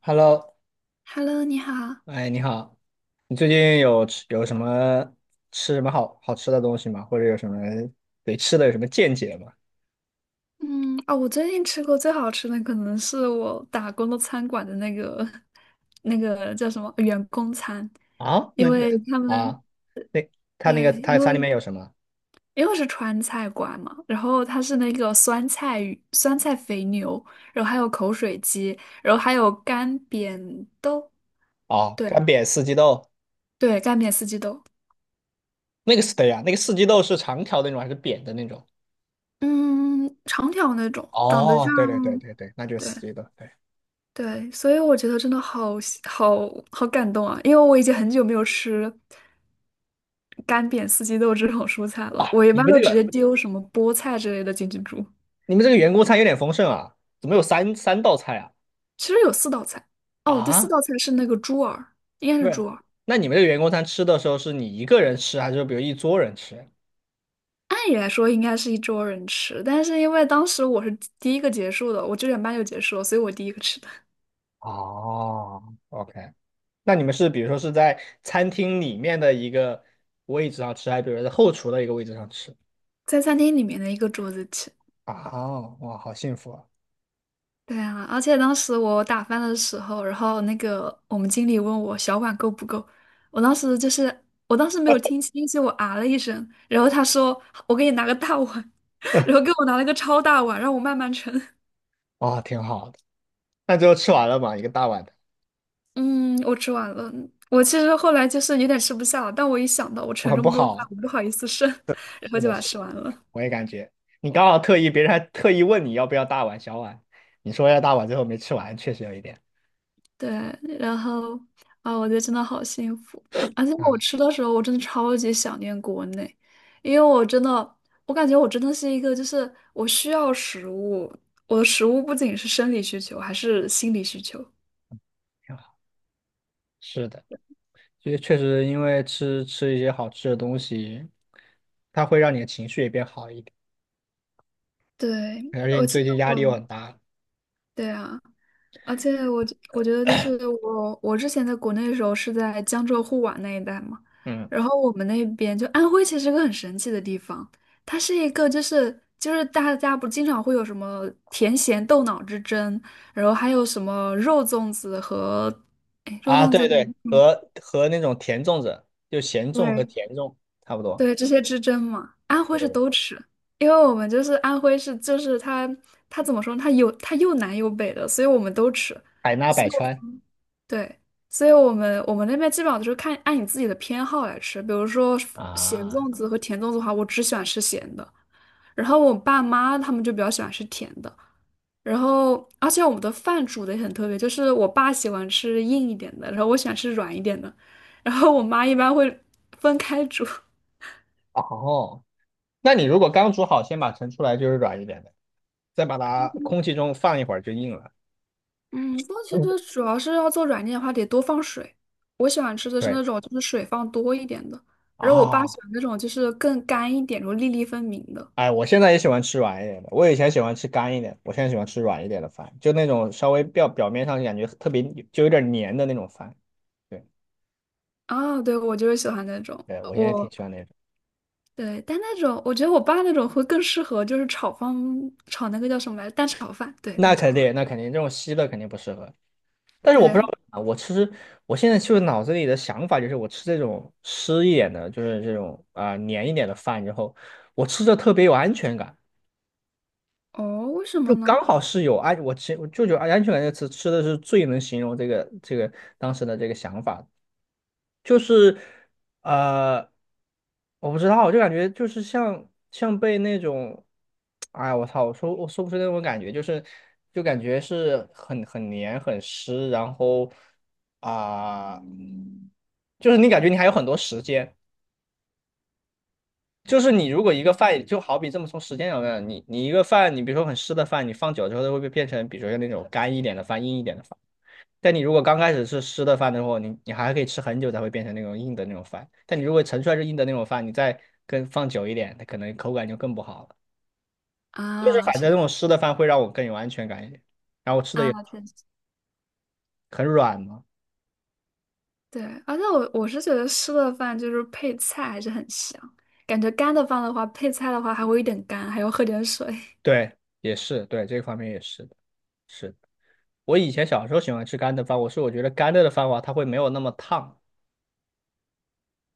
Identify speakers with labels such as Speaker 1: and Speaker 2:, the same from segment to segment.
Speaker 1: Hello，
Speaker 2: Hello，你好。
Speaker 1: 哎，你好，你最近有什么吃什么好好吃的东西吗？或者有什么对吃的有什么见解吗？
Speaker 2: 嗯，哦，我最近吃过最好吃的可能是我打工的餐馆的那个 那个叫什么员工餐，
Speaker 1: 啊，那
Speaker 2: 因
Speaker 1: 那
Speaker 2: 为他们
Speaker 1: 啊，那他
Speaker 2: 对，
Speaker 1: 那个他
Speaker 2: 因
Speaker 1: 餐里
Speaker 2: 为
Speaker 1: 面有什么？
Speaker 2: 因为我是川菜馆嘛，然后它是那个酸菜鱼、酸菜肥牛，然后还有口水鸡，然后还有干煸豆，
Speaker 1: 哦，
Speaker 2: 对
Speaker 1: 干煸四季豆，
Speaker 2: 对，干煸四季豆，
Speaker 1: 那个是对呀，那个四季豆是长条的那种还是扁的那种？
Speaker 2: 嗯，长条那种，长得像，
Speaker 1: 哦，对对对对对，那就是四
Speaker 2: 对。
Speaker 1: 季豆。对，
Speaker 2: 对，所以我觉得真的好喜好好感动啊！因为我已经很久没有吃干煸四季豆这种蔬菜了，
Speaker 1: 哇，
Speaker 2: 我一
Speaker 1: 你
Speaker 2: 般
Speaker 1: 们
Speaker 2: 都
Speaker 1: 这
Speaker 2: 直接
Speaker 1: 个
Speaker 2: 丢什么菠菜之类的进去煮。
Speaker 1: 你们这个员工餐有点丰盛啊，怎么有三道菜啊？
Speaker 2: 其实有四道菜，哦，第四
Speaker 1: 啊，
Speaker 2: 道菜是那个猪耳，应该是
Speaker 1: 对，
Speaker 2: 猪耳。
Speaker 1: 那你们这个员工餐吃的时候是你一个人吃，还是比如一桌人吃？
Speaker 2: 按理来说应该是一桌人吃，但是因为当时我是第一个结束的，我9点半就结束了，所以我第一个吃的，
Speaker 1: 哦，OK，那你们是比如说是在餐厅里面的一个位置上吃，还是比如说在后厨的一个位置上吃？
Speaker 2: 在餐厅里面的一个桌子吃。
Speaker 1: 啊，哇，好幸福啊！
Speaker 2: 对啊，而且当时我打饭的时候，然后那个我们经理问我小碗够不够，我当时就是我当时没有听清，就我啊了一声，然后他说我给你拿个大碗，然后给我拿了个超大碗，让我慢慢盛。
Speaker 1: 哇，挺好的。那最后吃完了嘛，一个大碗的，
Speaker 2: 嗯，我吃完了。我其实后来就是有点吃不下了，但我一想到我
Speaker 1: 不，
Speaker 2: 盛
Speaker 1: 很
Speaker 2: 这
Speaker 1: 不
Speaker 2: 么多饭，
Speaker 1: 好。
Speaker 2: 我不好意思剩，然后
Speaker 1: 是
Speaker 2: 就
Speaker 1: 的，
Speaker 2: 把它
Speaker 1: 是的，
Speaker 2: 吃完了。
Speaker 1: 我也感觉你刚好特意，别人还特意问你要不要大碗小碗，你说要大碗，最后没吃完，确实有一点。
Speaker 2: 对，然后啊，我觉得真的好幸福。而且我
Speaker 1: 啊，
Speaker 2: 吃的时候，我真的超级想念国内，因为我真的，我感觉我真的是一个，就是我需要食物，我的食物不仅是生理需求，还是心理需求。
Speaker 1: 挺好。是的，确实因为吃一些好吃的东西，它会让你的情绪也变好一点，
Speaker 2: 对，
Speaker 1: 而且
Speaker 2: 我
Speaker 1: 你
Speaker 2: 记
Speaker 1: 最
Speaker 2: 得
Speaker 1: 近压力又
Speaker 2: 我，
Speaker 1: 很大。
Speaker 2: 对啊。而且我觉得就是我之前在国内的时候是在江浙沪皖那一带嘛，
Speaker 1: 嗯。
Speaker 2: 然后我们那边就安徽其实是个很神奇的地方，它是一个就是大家不经常会有什么甜咸豆脑之争，然后还有什么肉
Speaker 1: 啊，
Speaker 2: 粽子
Speaker 1: 对
Speaker 2: 和，
Speaker 1: 对，
Speaker 2: 嗯
Speaker 1: 和那种甜粽子，就咸粽和
Speaker 2: 对
Speaker 1: 甜粽差不多。
Speaker 2: 对这些之争嘛，安
Speaker 1: 对
Speaker 2: 徽
Speaker 1: 对
Speaker 2: 是
Speaker 1: 对，
Speaker 2: 都吃。因为我们就是安徽是，就是它，它怎么说呢它有它又南又北的，所以我们都吃。
Speaker 1: 海纳百川
Speaker 2: 对，所以我们那边基本上就是看按你自己的偏好来吃，比如说咸
Speaker 1: 啊。
Speaker 2: 粽子和甜粽子的话，我只喜欢吃咸的，然后我爸妈他们就比较喜欢吃甜的，然后而且我们的饭煮的也很特别，就是我爸喜欢吃硬一点的，然后我喜欢吃软一点的，然后我妈一般会分开煮。
Speaker 1: 哦，那你如果刚煮好，先把盛出来就是软一点的，再把它空气中放一会儿就硬了。
Speaker 2: 嗯，不过其实
Speaker 1: 嗯，
Speaker 2: 主要是要做软件的话，得多放水。我喜欢吃的是
Speaker 1: 对
Speaker 2: 那种就是水放多一点的，然后我爸喜
Speaker 1: 啊。
Speaker 2: 欢那种就是更干一点，然后粒粒分明的。
Speaker 1: 哎，我现在也喜欢吃软一点的，我以前喜欢吃干一点，我现在喜欢吃软一点的饭，就那种稍微表面上感觉特别就有点黏的那种饭。对
Speaker 2: 啊，对，我就是喜欢那种，
Speaker 1: 对，我现在挺
Speaker 2: 我
Speaker 1: 喜欢那种。
Speaker 2: 对，但那种我觉得我爸那种会更适合，就是炒那个叫什么来着，蛋炒饭，对，
Speaker 1: 那
Speaker 2: 蛋炒
Speaker 1: 肯
Speaker 2: 饭，
Speaker 1: 定，那肯定，这种稀的肯定不适合。但是我不知道
Speaker 2: 对，
Speaker 1: 啊，我其实我现在就是脑子里的想法就是，我吃这种湿一点的，就是这种啊、黏一点的饭之后，我吃着特别有安全感，
Speaker 2: 哦，为什
Speaker 1: 就
Speaker 2: 么
Speaker 1: 刚
Speaker 2: 呢？
Speaker 1: 好是我就有安全感这个词吃的是最能形容这个当时的这个想法。就是呃，我不知道，我就感觉就是像被那种，哎，我操，我说不出那种感觉，就是就感觉是很黏很湿，然后啊、就是你感觉你还有很多时间。就是你如果一个饭，就好比这么从时间上来讲，你一个饭，你比如说很湿的饭，你放久了之后，它会不会变成，比如说那种干一点的饭、硬一点的饭？但你如果刚开始是湿的饭的话，你还可以吃很久才会变成那种硬的那种饭。但你如果盛出来是硬的那种饭，你再跟放久一点，它可能口感就更不好了。就是
Speaker 2: 啊，
Speaker 1: 反
Speaker 2: 确
Speaker 1: 正那种湿的饭会让我更有安全感一点，然后吃的也
Speaker 2: 啊，确实
Speaker 1: 很软嘛。
Speaker 2: 对，而且我是觉得湿的饭就是配菜还是很香，感觉干的饭的话，配菜的话还会有一点干，还要喝点水。
Speaker 1: 对，也是，对，这个方面也是的。我以前小时候喜欢吃干的饭，我觉得干的饭的话，它会没有那么烫，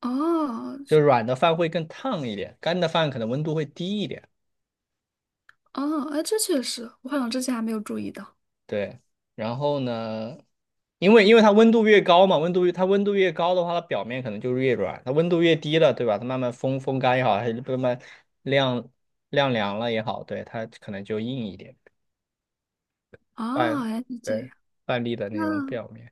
Speaker 2: 哦，
Speaker 1: 就
Speaker 2: 这
Speaker 1: 软的饭会更烫一点，干的饭可能温度会低一点。
Speaker 2: 哦，哎，这确实，我好像之前还没有注意到。
Speaker 1: 对，然后呢，因为它温度越高嘛，温度越它温度越高的话，它表面可能就是越软；它温度越低了，对吧？它慢慢风干也好，还是慢慢晾晾凉了也好，对，它可能就硬一点，半
Speaker 2: 哦，原来是这
Speaker 1: 对，
Speaker 2: 样。
Speaker 1: 半粒的那种
Speaker 2: 那
Speaker 1: 表面。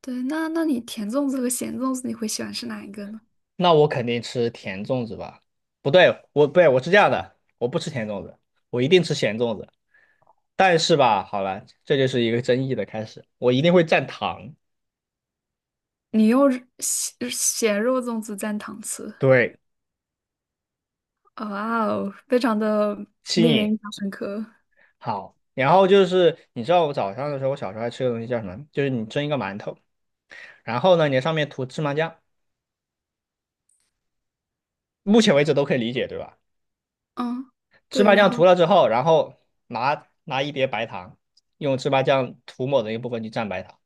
Speaker 2: 对，那你甜粽子和咸粽子，你会喜欢吃哪一个呢？
Speaker 1: 那我肯定吃甜粽子吧？不对，我不对，我是这样的，我不吃甜粽子，我一定吃咸粽子。但是吧，好了，这就是一个争议的开始，我一定会蘸糖。
Speaker 2: 你用咸肉粽子蘸糖吃，
Speaker 1: 对，
Speaker 2: 哦哇哦，非常的
Speaker 1: 吸
Speaker 2: 令人
Speaker 1: 引。
Speaker 2: 印象深刻。
Speaker 1: 好，然后就是你知道我早上的时候，我小时候还吃个东西叫什么？就是你蒸一个馒头，然后呢，你在上面涂芝麻酱，目前为止都可以理解，对吧？
Speaker 2: 嗯，
Speaker 1: 芝
Speaker 2: 对，
Speaker 1: 麻
Speaker 2: 然
Speaker 1: 酱
Speaker 2: 后
Speaker 1: 涂了之后，然后拿一碟白糖，用芝麻酱涂抹的一部分去蘸白糖。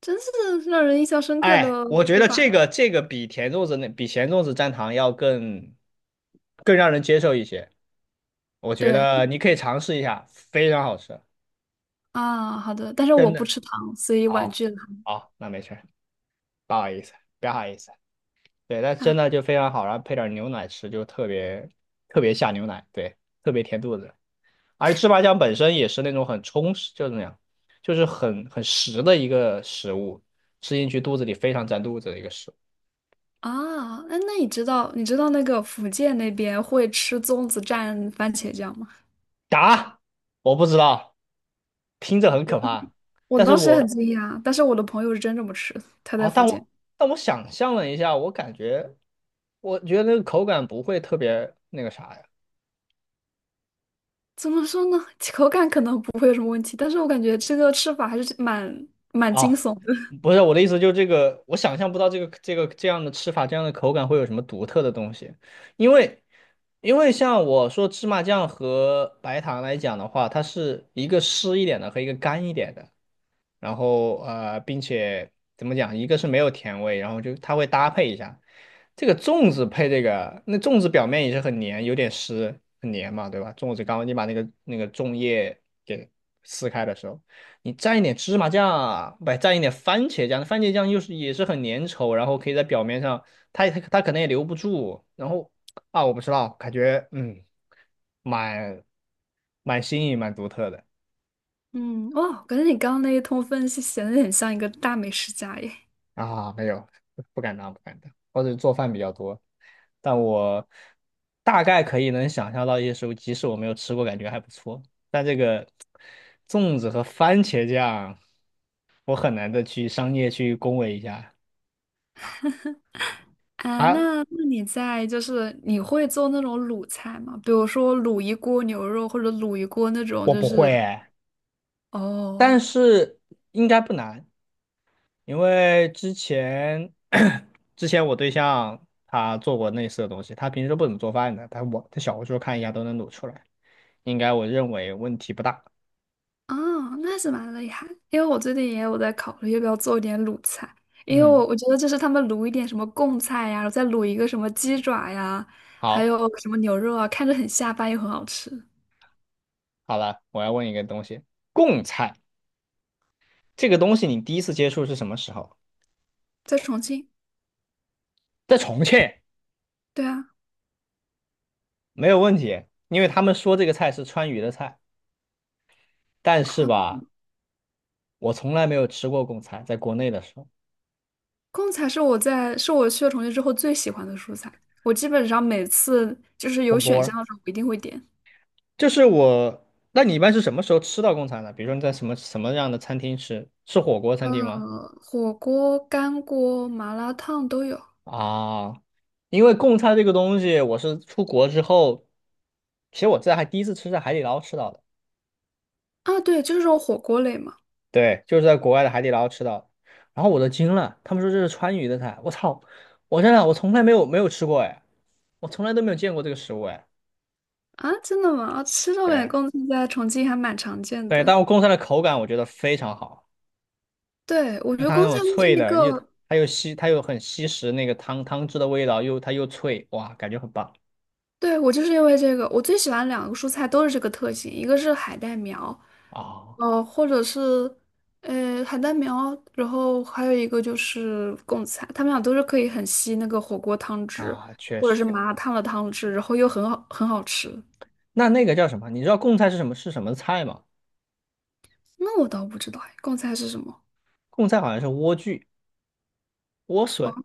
Speaker 2: 真是让人印象深刻
Speaker 1: 哎，
Speaker 2: 的
Speaker 1: 我觉
Speaker 2: 吃
Speaker 1: 得
Speaker 2: 法
Speaker 1: 这
Speaker 2: 呀。
Speaker 1: 个这个比甜粽子那比咸粽子蘸糖要更让人接受一些，我觉
Speaker 2: 对
Speaker 1: 得你可以尝试一下，非常好吃，
Speaker 2: 啊，好的，但是我
Speaker 1: 真
Speaker 2: 不
Speaker 1: 的。
Speaker 2: 吃糖，所以婉
Speaker 1: 哦，
Speaker 2: 拒了。
Speaker 1: 好，那没事儿，不好意思，不好意思。对，但真
Speaker 2: 啊
Speaker 1: 的就非常好，然后配点牛奶吃，就特别特别下牛奶，对，特别填肚子。而芝麻酱本身也是那种很充实，就是那样，就是很实的一个食物，吃进去肚子里非常占肚子的一个食物。
Speaker 2: 那你知道那个福建那边会吃粽子蘸番茄酱吗？
Speaker 1: 答，我不知道，听着很可怕，
Speaker 2: 我
Speaker 1: 但是
Speaker 2: 当时也很
Speaker 1: 我
Speaker 2: 惊讶，但是我的朋友是真这么吃，他在
Speaker 1: 啊、
Speaker 2: 福
Speaker 1: 但
Speaker 2: 建。
Speaker 1: 我但我想象了一下，我觉得那个口感不会特别那个啥呀。
Speaker 2: 怎么说呢？口感可能不会有什么问题，但是我感觉这个吃法还是蛮惊
Speaker 1: 啊，
Speaker 2: 悚。
Speaker 1: 不是我的意思，就是这个，我想象不到这个这样的吃法，这样的口感会有什么独特的东西，因为因为像我说芝麻酱和白糖来讲的话，它是一个湿一点的和一个干一点的，然后并且怎么讲，一个是没有甜味，然后就它会搭配一下这个粽子配这个，那粽子表面也是很黏，有点湿，很黏嘛，对吧？粽子刚刚你把那个粽叶给撕开的时候，你蘸一点芝麻酱，不蘸一点番茄酱，番茄酱也是很粘稠，然后可以在表面上，它可能也留不住，然后啊，我不知道，感觉嗯，蛮蛮新颖，蛮独特的。
Speaker 2: 嗯，哇，感觉你刚刚那一通分析显得很像一个大美食家耶。
Speaker 1: 啊，没有，不敢当，不敢当。或者做饭比较多，但我大概能想象到一些食物，即使我没有吃过，感觉还不错。但这个粽子和番茄酱，我很难的去商业去恭维一下。
Speaker 2: 啊，
Speaker 1: 啊，
Speaker 2: 那你在就是你会做那种卤菜吗？比如说卤一锅牛肉或者卤一锅那种，
Speaker 1: 我
Speaker 2: 就
Speaker 1: 不
Speaker 2: 是
Speaker 1: 会哎，但
Speaker 2: 哦
Speaker 1: 是应该不难，因为之前 之前我对象他做过类似的东西，他平时不怎么做饭的，但我在小红书看一下都能卤出来，我认为问题不大。
Speaker 2: 哦，那是蛮厉害。因为我最近也有在考虑要不要做一点卤菜，因为
Speaker 1: 嗯，
Speaker 2: 我觉得就是他们卤一点什么贡菜呀，再卤一个什么鸡爪呀，还
Speaker 1: 好，
Speaker 2: 有什么牛肉啊，看着很下饭又很好吃。
Speaker 1: 好了，我要问一个东西，贡菜这个东西你第一次接触是什么时候？
Speaker 2: 在重庆，
Speaker 1: 在重庆，
Speaker 2: 对啊。
Speaker 1: 没有问题，因为他们说这个菜是川渝的菜，但是吧，我从来没有吃过贡菜，在国内的时候，
Speaker 2: 贡菜是我在是我去了重庆之后最喜欢的蔬菜，我基本上每次就是
Speaker 1: 火
Speaker 2: 有
Speaker 1: 锅
Speaker 2: 选项
Speaker 1: 儿，
Speaker 2: 的时候，我一定会点。
Speaker 1: 就是我，那你一般是什么时候吃到贡菜呢？比如说你在什么样的餐厅吃？是火锅餐
Speaker 2: 呃，
Speaker 1: 厅吗？
Speaker 2: 火锅、干锅、麻辣烫都有
Speaker 1: 啊，因为贡菜这个东西，我是出国之后，其实还第一次吃在海底捞吃到的。
Speaker 2: 啊。对，就是这种火锅类嘛。
Speaker 1: 对，就是在国外的海底捞吃到的。然后我都惊了，他们说这是川渝的菜，我操！我真的我从来没有吃过哎，我从来都没有见过这个食物哎。
Speaker 2: 啊，真的吗？啊，吃这种
Speaker 1: 对
Speaker 2: 贡菜在重庆还蛮常见
Speaker 1: 对，
Speaker 2: 的。
Speaker 1: 但我贡菜的口感我觉得非常好，
Speaker 2: 对，我觉
Speaker 1: 就
Speaker 2: 得
Speaker 1: 它那
Speaker 2: 贡
Speaker 1: 种
Speaker 2: 菜就是
Speaker 1: 脆
Speaker 2: 一
Speaker 1: 的，又
Speaker 2: 个
Speaker 1: 它又吸它又很吸食那个汤汁的味道，又它又脆，哇，感觉很棒。
Speaker 2: 对，我就是因为这个，我最喜欢两个蔬菜都是这个特性，一个是海带苗，
Speaker 1: 啊
Speaker 2: 呃，或者是然后还有一个就是贡菜，它们俩都是可以很吸那个火锅汤汁，
Speaker 1: 啊，确
Speaker 2: 或者是
Speaker 1: 实。
Speaker 2: 麻辣烫的汤汁，然后又很好吃。
Speaker 1: 那个叫什么？你知道贡菜是什么菜吗？
Speaker 2: 那我倒不知道哎，贡菜是什么？
Speaker 1: 贡菜好像是莴苣、莴
Speaker 2: 哦，
Speaker 1: 笋。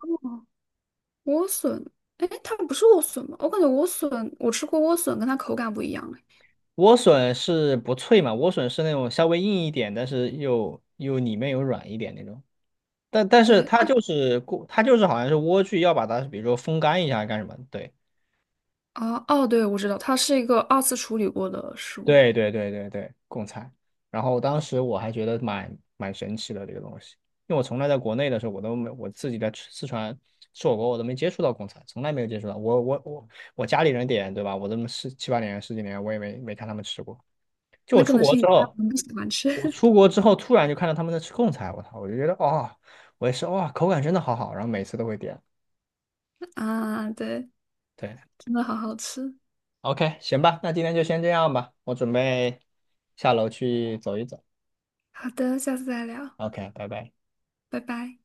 Speaker 2: 莴笋，哎，它不是莴笋吗？我感觉莴笋，我吃过莴笋，跟它口感不一样哎。
Speaker 1: 莴笋是不脆嘛？莴笋是那种稍微硬一点，但是又里面有软一点那种。但是
Speaker 2: 对，
Speaker 1: 它就是过，它就是好像是莴苣要把它，比如说风干一下干什么？对
Speaker 2: 啊，哦，对，我知道，它是一个二次处理过的食物，
Speaker 1: 对对对对对，贡菜。然后当时我还觉得蛮神奇的这个东西，因为我从来在国内的时候，我都没我自己在吃四川吃火锅，我都没接触到贡菜，从来没有接触到。我家里人点对吧？我这么十七八年十几年，我也没看他们吃过。就
Speaker 2: 那
Speaker 1: 我
Speaker 2: 可
Speaker 1: 出
Speaker 2: 能
Speaker 1: 国
Speaker 2: 是你
Speaker 1: 之
Speaker 2: 家
Speaker 1: 后。
Speaker 2: 人不喜欢
Speaker 1: 我
Speaker 2: 吃。
Speaker 1: 出国之后突然就看到他们在吃贡菜，我操，我就觉得哦，我也是哇，口感真的好好，然后每次都会点。
Speaker 2: 啊，对，
Speaker 1: 对
Speaker 2: 真的好好吃。
Speaker 1: ，OK，行吧，那今天就先这样吧，我准备下楼去走一走。
Speaker 2: 好的，下次再聊，
Speaker 1: OK，拜拜。
Speaker 2: 拜拜。